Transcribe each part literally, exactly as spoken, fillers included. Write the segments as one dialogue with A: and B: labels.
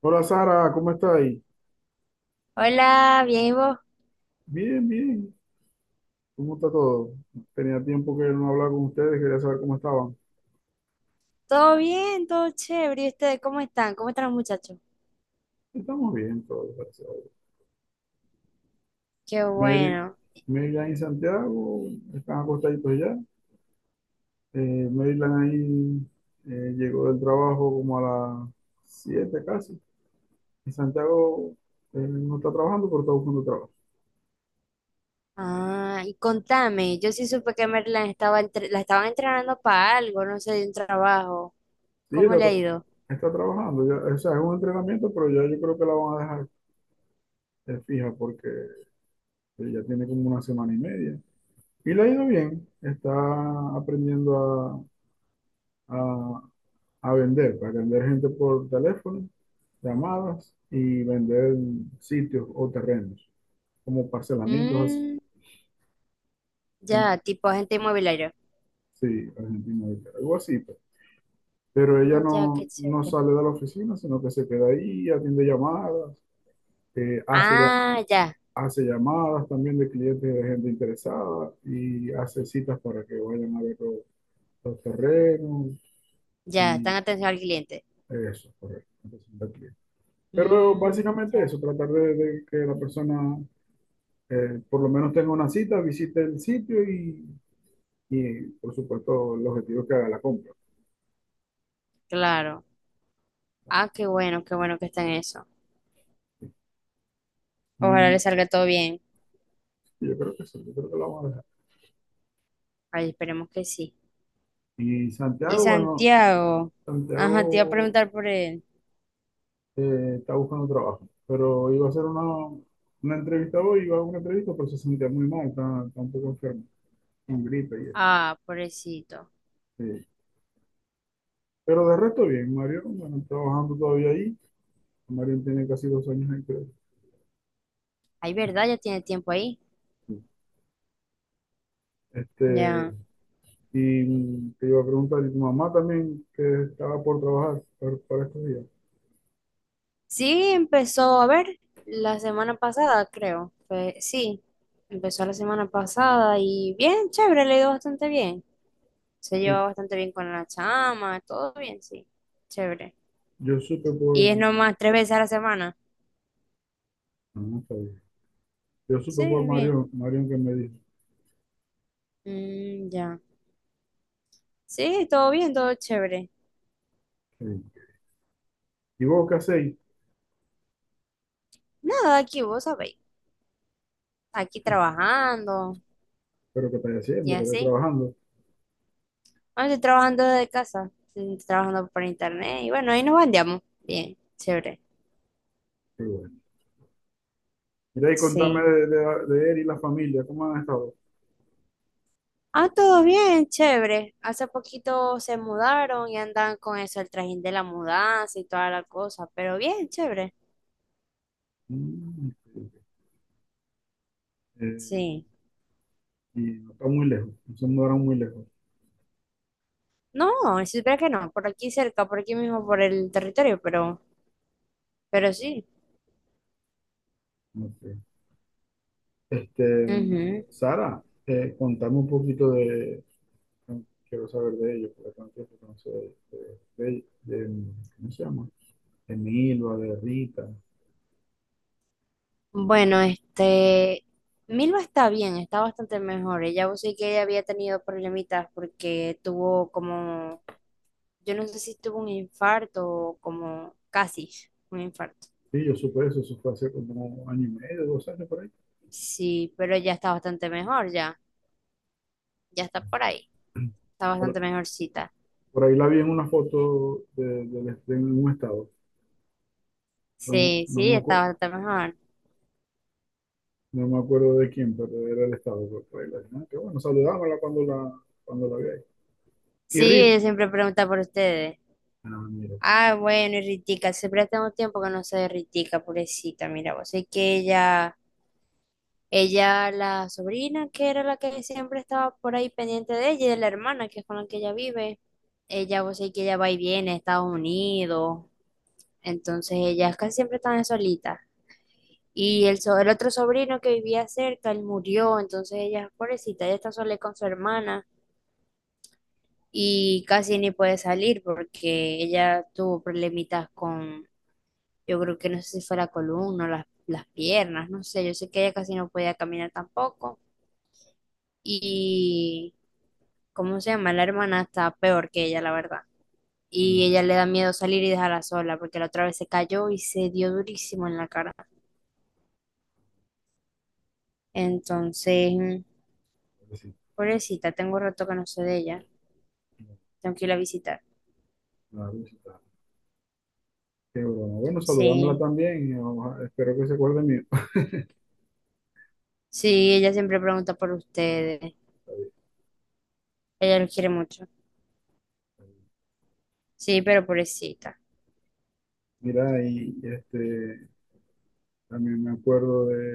A: Hola Sara, ¿cómo estáis?
B: Hola, bien, ¿y vos?
A: Bien, bien. ¿Cómo está todo? Tenía tiempo que no hablaba con ustedes, quería saber cómo estaban.
B: ¿Todo bien? ¿Todo chévere? ¿Y ustedes cómo están? ¿Cómo están los muchachos?
A: Estamos bien todos, gracias a Dios.
B: Qué
A: Mary,
B: bueno.
A: Maryland y Santiago están acostaditos ya. Eh, Maryland ahí eh, llegó del trabajo como a las siete casi. Y Santiago eh, no está trabajando, pero está buscando trabajo.
B: Ah, y contame, yo sí supe que Merlan estaba entre- la estaban entrenando para algo, no sé, de un trabajo.
A: Sí,
B: ¿Cómo
A: está,
B: le ha
A: tra-
B: ido?
A: está trabajando. Ya, o sea, es un entrenamiento, pero ya yo creo que la van a dejar eh, fija porque eh, ya tiene como una semana y media. Y le ha ido bien, está aprendiendo a, a- a vender, para vender gente por teléfono, llamadas y vender sitios o terrenos, como parcelamientos así.
B: Mm, ya,
A: Tanto-
B: tipo agente inmobiliario.
A: Sí, Argentina, algo así, pues. Pero ella
B: Ah, ya, qué
A: no, no
B: chévere.
A: sale de la oficina, sino que se queda ahí, atiende llamadas, eh, hace, ya-
B: Ah, ya,
A: hace llamadas también de clientes de gente interesada y hace citas para que vayan a ver los, los terrenos
B: ya,
A: y
B: están atención al cliente.
A: eso, correcto. Entonces, pero
B: Mm,
A: básicamente
B: ya,
A: eso, tratar de, de que la persona eh, por lo menos tenga una cita, visite el sitio y, y, por supuesto el objetivo es que haga la compra.
B: claro. Ah, qué bueno, qué bueno que está en eso. Ojalá le
A: Y
B: salga todo bien.
A: sí, yo creo que sí, yo creo que lo vamos a dejar.
B: Ay, esperemos que sí.
A: Y
B: Y
A: Santiago, bueno,
B: Santiago, ajá, te iba a
A: Santiago
B: preguntar por él.
A: eh, está buscando trabajo, pero iba a hacer una, una entrevista hoy, iba a una entrevista, pero se sentía muy mal, está, está un poco enfermo, con gripe y eso.
B: Ah, pobrecito.
A: Sí. Pero de resto bien, Mario, bueno, trabajando todavía ahí. Mario tiene casi dos años ahí, creo.
B: Ay, ¿verdad? Ya tiene tiempo ahí.
A: Sí. Este,
B: Ya.
A: y te iba a preguntar, ¿y tu mamá también que estaba por trabajar para, para estos días?
B: Sí, empezó a ver la semana pasada, creo. Fue- sí, empezó la semana pasada y bien, chévere, le ha ido bastante bien. Se lleva
A: Sí,
B: bastante bien con la chama, todo bien, sí. Chévere.
A: yo supe por,
B: Y es nomás tres veces a la semana.
A: no, no sabía. Yo supe por
B: Sí, bien.
A: Marión, Marión que me dijo.
B: Mm, ya. Sí, todo bien, todo chévere.
A: Sí, ¿y vos qué hacéis?
B: Nada, aquí vos sabéis. Aquí trabajando
A: ¿Pero qué estáis
B: y
A: haciendo? ¿Qué estáis
B: así.
A: trabajando?
B: Ahora estoy trabajando desde casa, estoy trabajando por internet y bueno, ahí nos bandeamos. Bien, chévere.
A: Qué bueno. Mira y contame
B: Sí.
A: de, de- de él y la familia, ¿cómo han estado?
B: Ah, todo bien, chévere. Hace poquito se mudaron y andan con eso, el trajín de la mudanza y toda la cosa, pero bien, chévere.
A: Mm, sí, eh,
B: Sí.
A: y no está muy lejos, no se mudaron muy lejos.
B: No, si supiera que no, por aquí cerca, por aquí mismo, por el territorio, pero, pero sí.
A: No. Este,
B: Ujú.
A: Sara, eh, contame un poquito de, no quiero saber de ellos, porque tanto tiempo que no sé de, de, de- de- ¿cómo se llama? De Milva, de Rita.
B: Bueno, este, Milva está bien, está bastante mejor. Ella vos sí que ella había tenido problemitas porque tuvo como, yo no sé si tuvo un infarto o como casi un infarto.
A: Sí, yo supe eso, eso fue hace como año y medio, dos años por ahí.
B: Sí, pero ya está bastante mejor, ya, ya está por ahí, está
A: Por,
B: bastante mejorcita.
A: por ahí la vi en una foto de, del de un estado. No,
B: Sí,
A: no
B: sí,
A: me
B: está
A: acuerdo,
B: bastante mejor.
A: no me acuerdo de quién, pero era el estado. Por, por ahí la vi. Ah, qué bueno, saludámosla cuando la, cuando la vi ahí. Y
B: Sí,
A: Rita,
B: ella siempre pregunta por ustedes.
A: ah, mira, pues,
B: Ah, bueno, y Ritica, siempre tengo tiempo que no sé de Ritica, pobrecita, mira, vos sé que ella... Ella, la sobrina, que era la que siempre estaba por ahí pendiente de ella, y de la hermana, que es con la que ella vive. Ella, vos sabés que ella va y viene a Estados Unidos, entonces ellas casi siempre están solitas. Y el, so- el otro sobrino que vivía cerca, él murió, entonces ella, pobrecita, ella está sola con su hermana y casi ni puede salir porque ella tuvo problemitas con, yo creo que no sé si fue la columna o las, las piernas, no sé, yo sé que ella casi no podía caminar tampoco. ¿Cómo se llama? La hermana está peor que ella, la verdad. Y
A: mm,
B: ella le da miedo salir y dejarla sola, porque la otra vez se cayó y se dio durísimo en la cara. Entonces, mm,
A: sí,
B: pobrecita, tengo rato que no sé de ella. Tengo que ir a visitar.
A: no, la visita. Qué broma, bueno, saludámosla
B: Sí,
A: también, y oja- espero que se acuerde de mí.
B: sí, ella siempre pregunta por ustedes. Ella los quiere mucho. Sí, pero pobrecita.
A: Mira, y este, también me acuerdo de,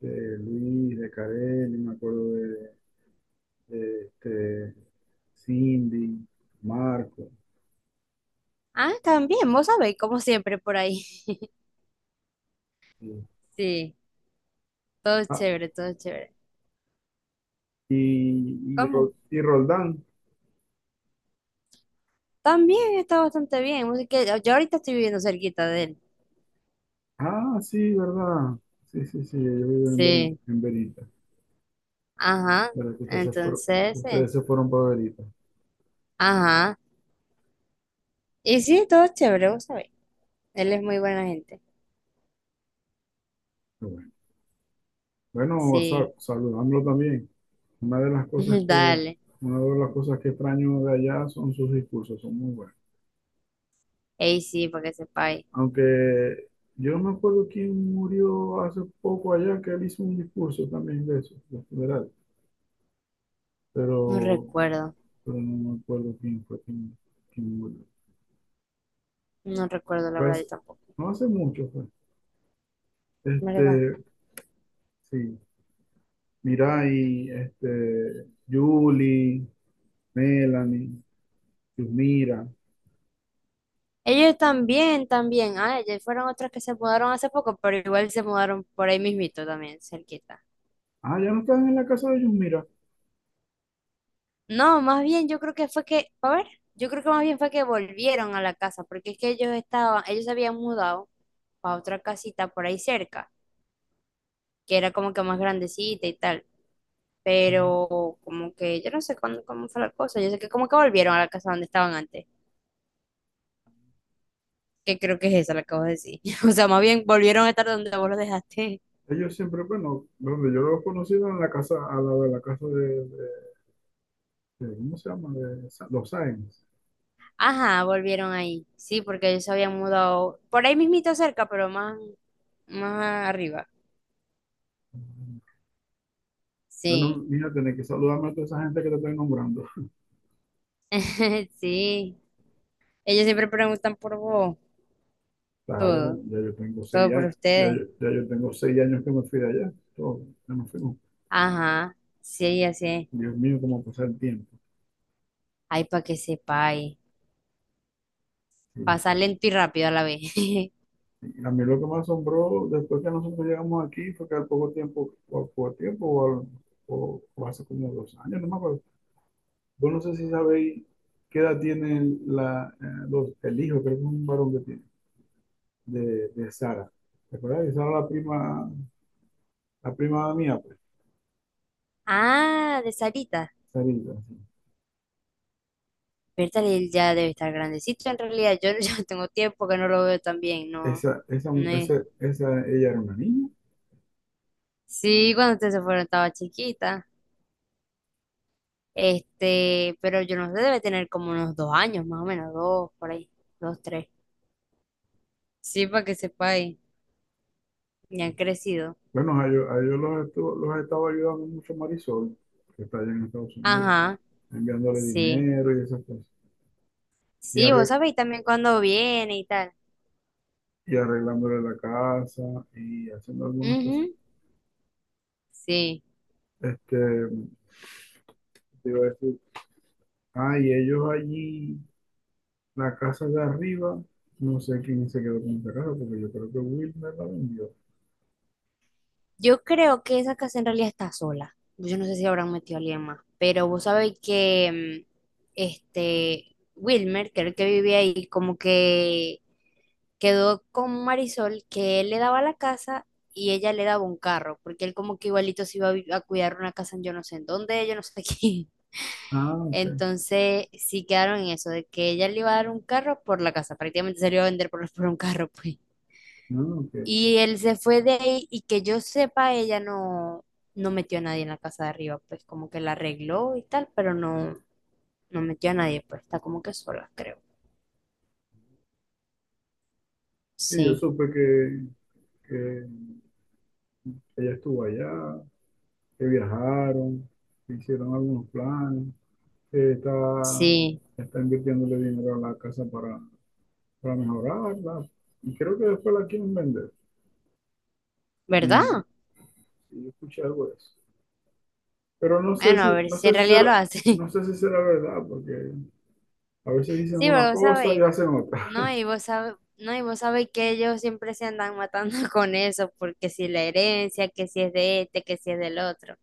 A: de Luis, de Karel, y me acuerdo de, de, este, Cindy, Marco,
B: Ah, también, vos sabés, como siempre por ahí.
A: y,
B: Sí, todo es
A: ah,
B: chévere, todo es chévere.
A: y, y, Ro-
B: ¿Cómo?
A: y Roldán.
B: También está bastante bien. Así que yo ahorita estoy viviendo cerquita de él.
A: Ah, sí, ¿verdad? Sí, sí, sí, ellos viven en Berita,
B: Sí.
A: en Verita.
B: Ajá,
A: ¿Verdad que ustedes se fueron,
B: entonces, eh,
A: ustedes se fueron para Berita?
B: ajá. Y sí, todo chévere, vos sabés. Él es muy buena gente.
A: Qué, bueno, bueno, sa-
B: Sí,
A: saludándolo también. Una de las cosas que,
B: dale.
A: una de las cosas que extraño de allá son sus discursos, son muy buenos.
B: Ey, sí, para que sepáis.
A: Aunque yo no me acuerdo quién murió hace poco allá, que él hizo un discurso también de eso, de funeral,
B: No
A: pero,
B: recuerdo,
A: pero no me acuerdo quién fue quién, quién murió.
B: no recuerdo la
A: Fue
B: verdad, yo
A: hace-
B: tampoco,
A: no hace mucho fue.
B: ¿verdad?
A: Este, sí, Mirai, este, Julie, Melanie, Yusmira.
B: Ellos también, también. Ah, ellos fueron otros que se mudaron hace poco, pero igual se mudaron por ahí mismito también, cerquita.
A: Ah, ya no están en la casa de Yusmira.
B: No, más bien yo creo que fue que, a ver, yo creo que más bien fue que volvieron a la casa, porque es que ellos estaban, ellos se habían mudado para otra casita por ahí cerca, que era como que más grandecita y tal, pero como que yo no sé cuándo, cómo fue la cosa, yo sé que como que volvieron a la casa donde estaban antes, que creo que es esa la que vos decís, o sea, más bien volvieron a estar donde vos los dejaste.
A: Ellos siempre, bueno, donde yo los he conocido en la casa, a la de la casa de, de- ¿cómo se llama? De Sa- los Sáenz.
B: Ajá, volvieron ahí, sí, porque ellos se habían mudado por ahí mismito cerca, pero más, más arriba,
A: Bueno,
B: sí,
A: mira, tenés que saludarme a toda esa gente que te estoy nombrando.
B: sí, ellos siempre preguntan por vos,
A: Claro,
B: todo,
A: ya yo tengo seis
B: todo por
A: años, ya
B: ustedes,
A: yo, ya yo tengo seis años que me fui de allá. Todo, ya nos fuimos.
B: ajá, sí, así es,
A: Dios mío, cómo pasa el tiempo.
B: ay, para que sepáis,
A: Sí,
B: pasa
A: sí.
B: lento y rápido a la vez.
A: Y a mí lo que me asombró después que nosotros llegamos aquí fue que al poco tiempo, o al poco tiempo, o, al- o- o hace como dos años, no me acuerdo. Vos no sé si sabéis qué edad tiene la, eh, los- el hijo, creo que es un varón que tiene, de, de Sara. ¿Te acuerdas? De Sara, la prima, la prima mía, pues,
B: Ah, de Sarita.
A: Sarita, sí.
B: Bertal él ya debe estar grandecito en realidad. Yo ya tengo tiempo que no lo veo tan bien, no,
A: Esa, esa,
B: no
A: mu-
B: es.
A: esa, esa, ella era una niña.
B: Sí, cuando ustedes se fueron estaba chiquita. Este, pero yo no sé, debe tener como unos dos años, más o menos, dos, por ahí, dos, tres. Sí, para que sepáis, ya han crecido.
A: Bueno, a ellos, a ellos los, estuvo- los estaba ayudando mucho Marisol, que está allá en Estados Unidos,
B: Ajá,
A: enviándole
B: sí.
A: dinero y esas cosas. Y,
B: Sí, vos
A: arre-
B: sabéis también cuándo viene y tal.
A: y arreglándole la casa y haciendo algunas cosas.
B: Ujú, sí.
A: Este, te iba a decir, ah, y ellos allí, la casa de arriba, no sé quién se quedó con esa casa, porque yo creo que Wilmer la vendió.
B: Yo creo que esa casa en realidad está sola. Yo no sé si habrán metido a alguien más, pero vos sabéis que mm, este Wilmer, que era el que vivía ahí, como que quedó con Marisol, que él le daba la casa y ella le daba un carro, porque él como que igualito se iba a, vi- a cuidar una casa en yo no sé en dónde, yo no sé quién.
A: Ah, ok.
B: Entonces sí quedaron en eso, de que ella le iba a dar un carro por la casa, prácticamente se lo iba a vender por, por un carro, pues.
A: No, ok.
B: Y él se fue de ahí y que yo sepa, ella no, no metió a nadie en la casa de arriba, pues como que la arregló y tal, pero no, no metió a nadie, pues está como que sola, creo.
A: Sí, yo
B: Sí,
A: supe que, que ella estuvo allá, que viajaron, que hicieron algunos planes, que está,
B: sí,
A: está invirtiéndole dinero a la casa para, para mejorarla. Y creo que después la quieren vender. Y, y
B: ¿verdad?
A: yo escuché algo de eso. Pero no sé
B: Bueno, a
A: si,
B: ver
A: no
B: si
A: sé
B: en
A: si
B: realidad
A: será,
B: lo hace.
A: no sé si será verdad, porque a veces dicen
B: Sí,
A: una
B: pero vos
A: cosa y
B: sabéis,
A: hacen otra.
B: no, y vos sabéis, no, y vos sabéis que ellos siempre se andan matando con eso, porque si la herencia, que si es de este, que si es del otro.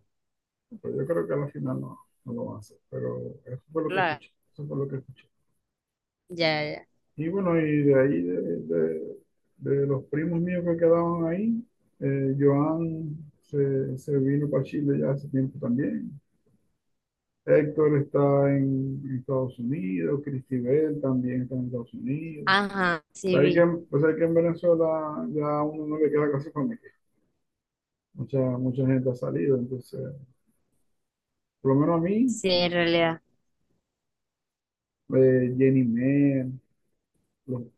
A: Pero yo creo que al final no, no lo van a hacer. Pero eso fue lo que
B: Claro,
A: escuché. Eso fue lo que escuché.
B: ya, ya.
A: Y bueno, y de ahí, de, de- de los primos míos que quedaban ahí, eh, Joan se, se vino para Chile ya hace tiempo también. Héctor está en, en Estados Unidos, Cristibel también está en Estados Unidos.
B: Ajá, sí
A: Sabes que,
B: vi.
A: pues hay que en Venezuela ya uno no le queda casi familia. Mucha, mucha gente ha salido, entonces, por lo menos a mí,
B: Sí, en realidad.
A: eh, Jenny Mer, los, eh,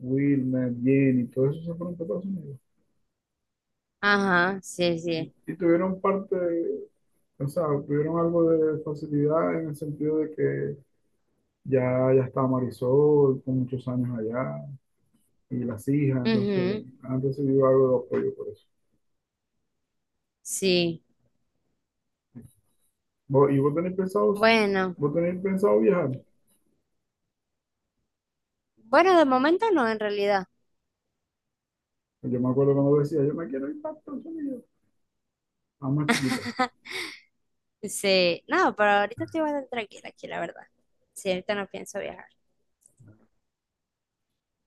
A: Wilmer, Jenny, todos esos se fueron para Estados Unidos.
B: Ajá, sí, sí.
A: Y tuvieron parte, o sea, tuvieron algo de facilidad en el sentido de que ya, ya está Marisol con muchos años allá y las hijas, entonces han recibido algo de apoyo por eso.
B: Sí,
A: Vos- ¿y vos tenés pensado,
B: bueno,
A: vos tenés pensado viajar?
B: bueno, de momento no, en realidad.
A: Yo me acuerdo cuando decía, yo me quiero ir para Estados Unidos, a más chiquita.
B: Sí, no, pero ahorita estoy bastante tranquila aquí, la verdad. Sí, ahorita no pienso viajar.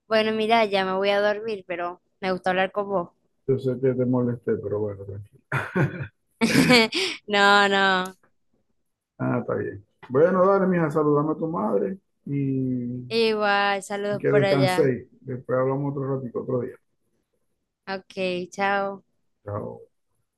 B: Bueno, mira, ya me voy a dormir, pero me gustó hablar con vos.
A: Yo sé que te molesté, pero bueno, tranquilo.
B: No, no,
A: Ah, está bien. Bueno, dale, mija, saludame a tu madre y,
B: igual,
A: y
B: saludos
A: que
B: por allá.
A: descanséis. Después hablamos otro ratito, otro día.
B: Ok, chao.
A: Chao.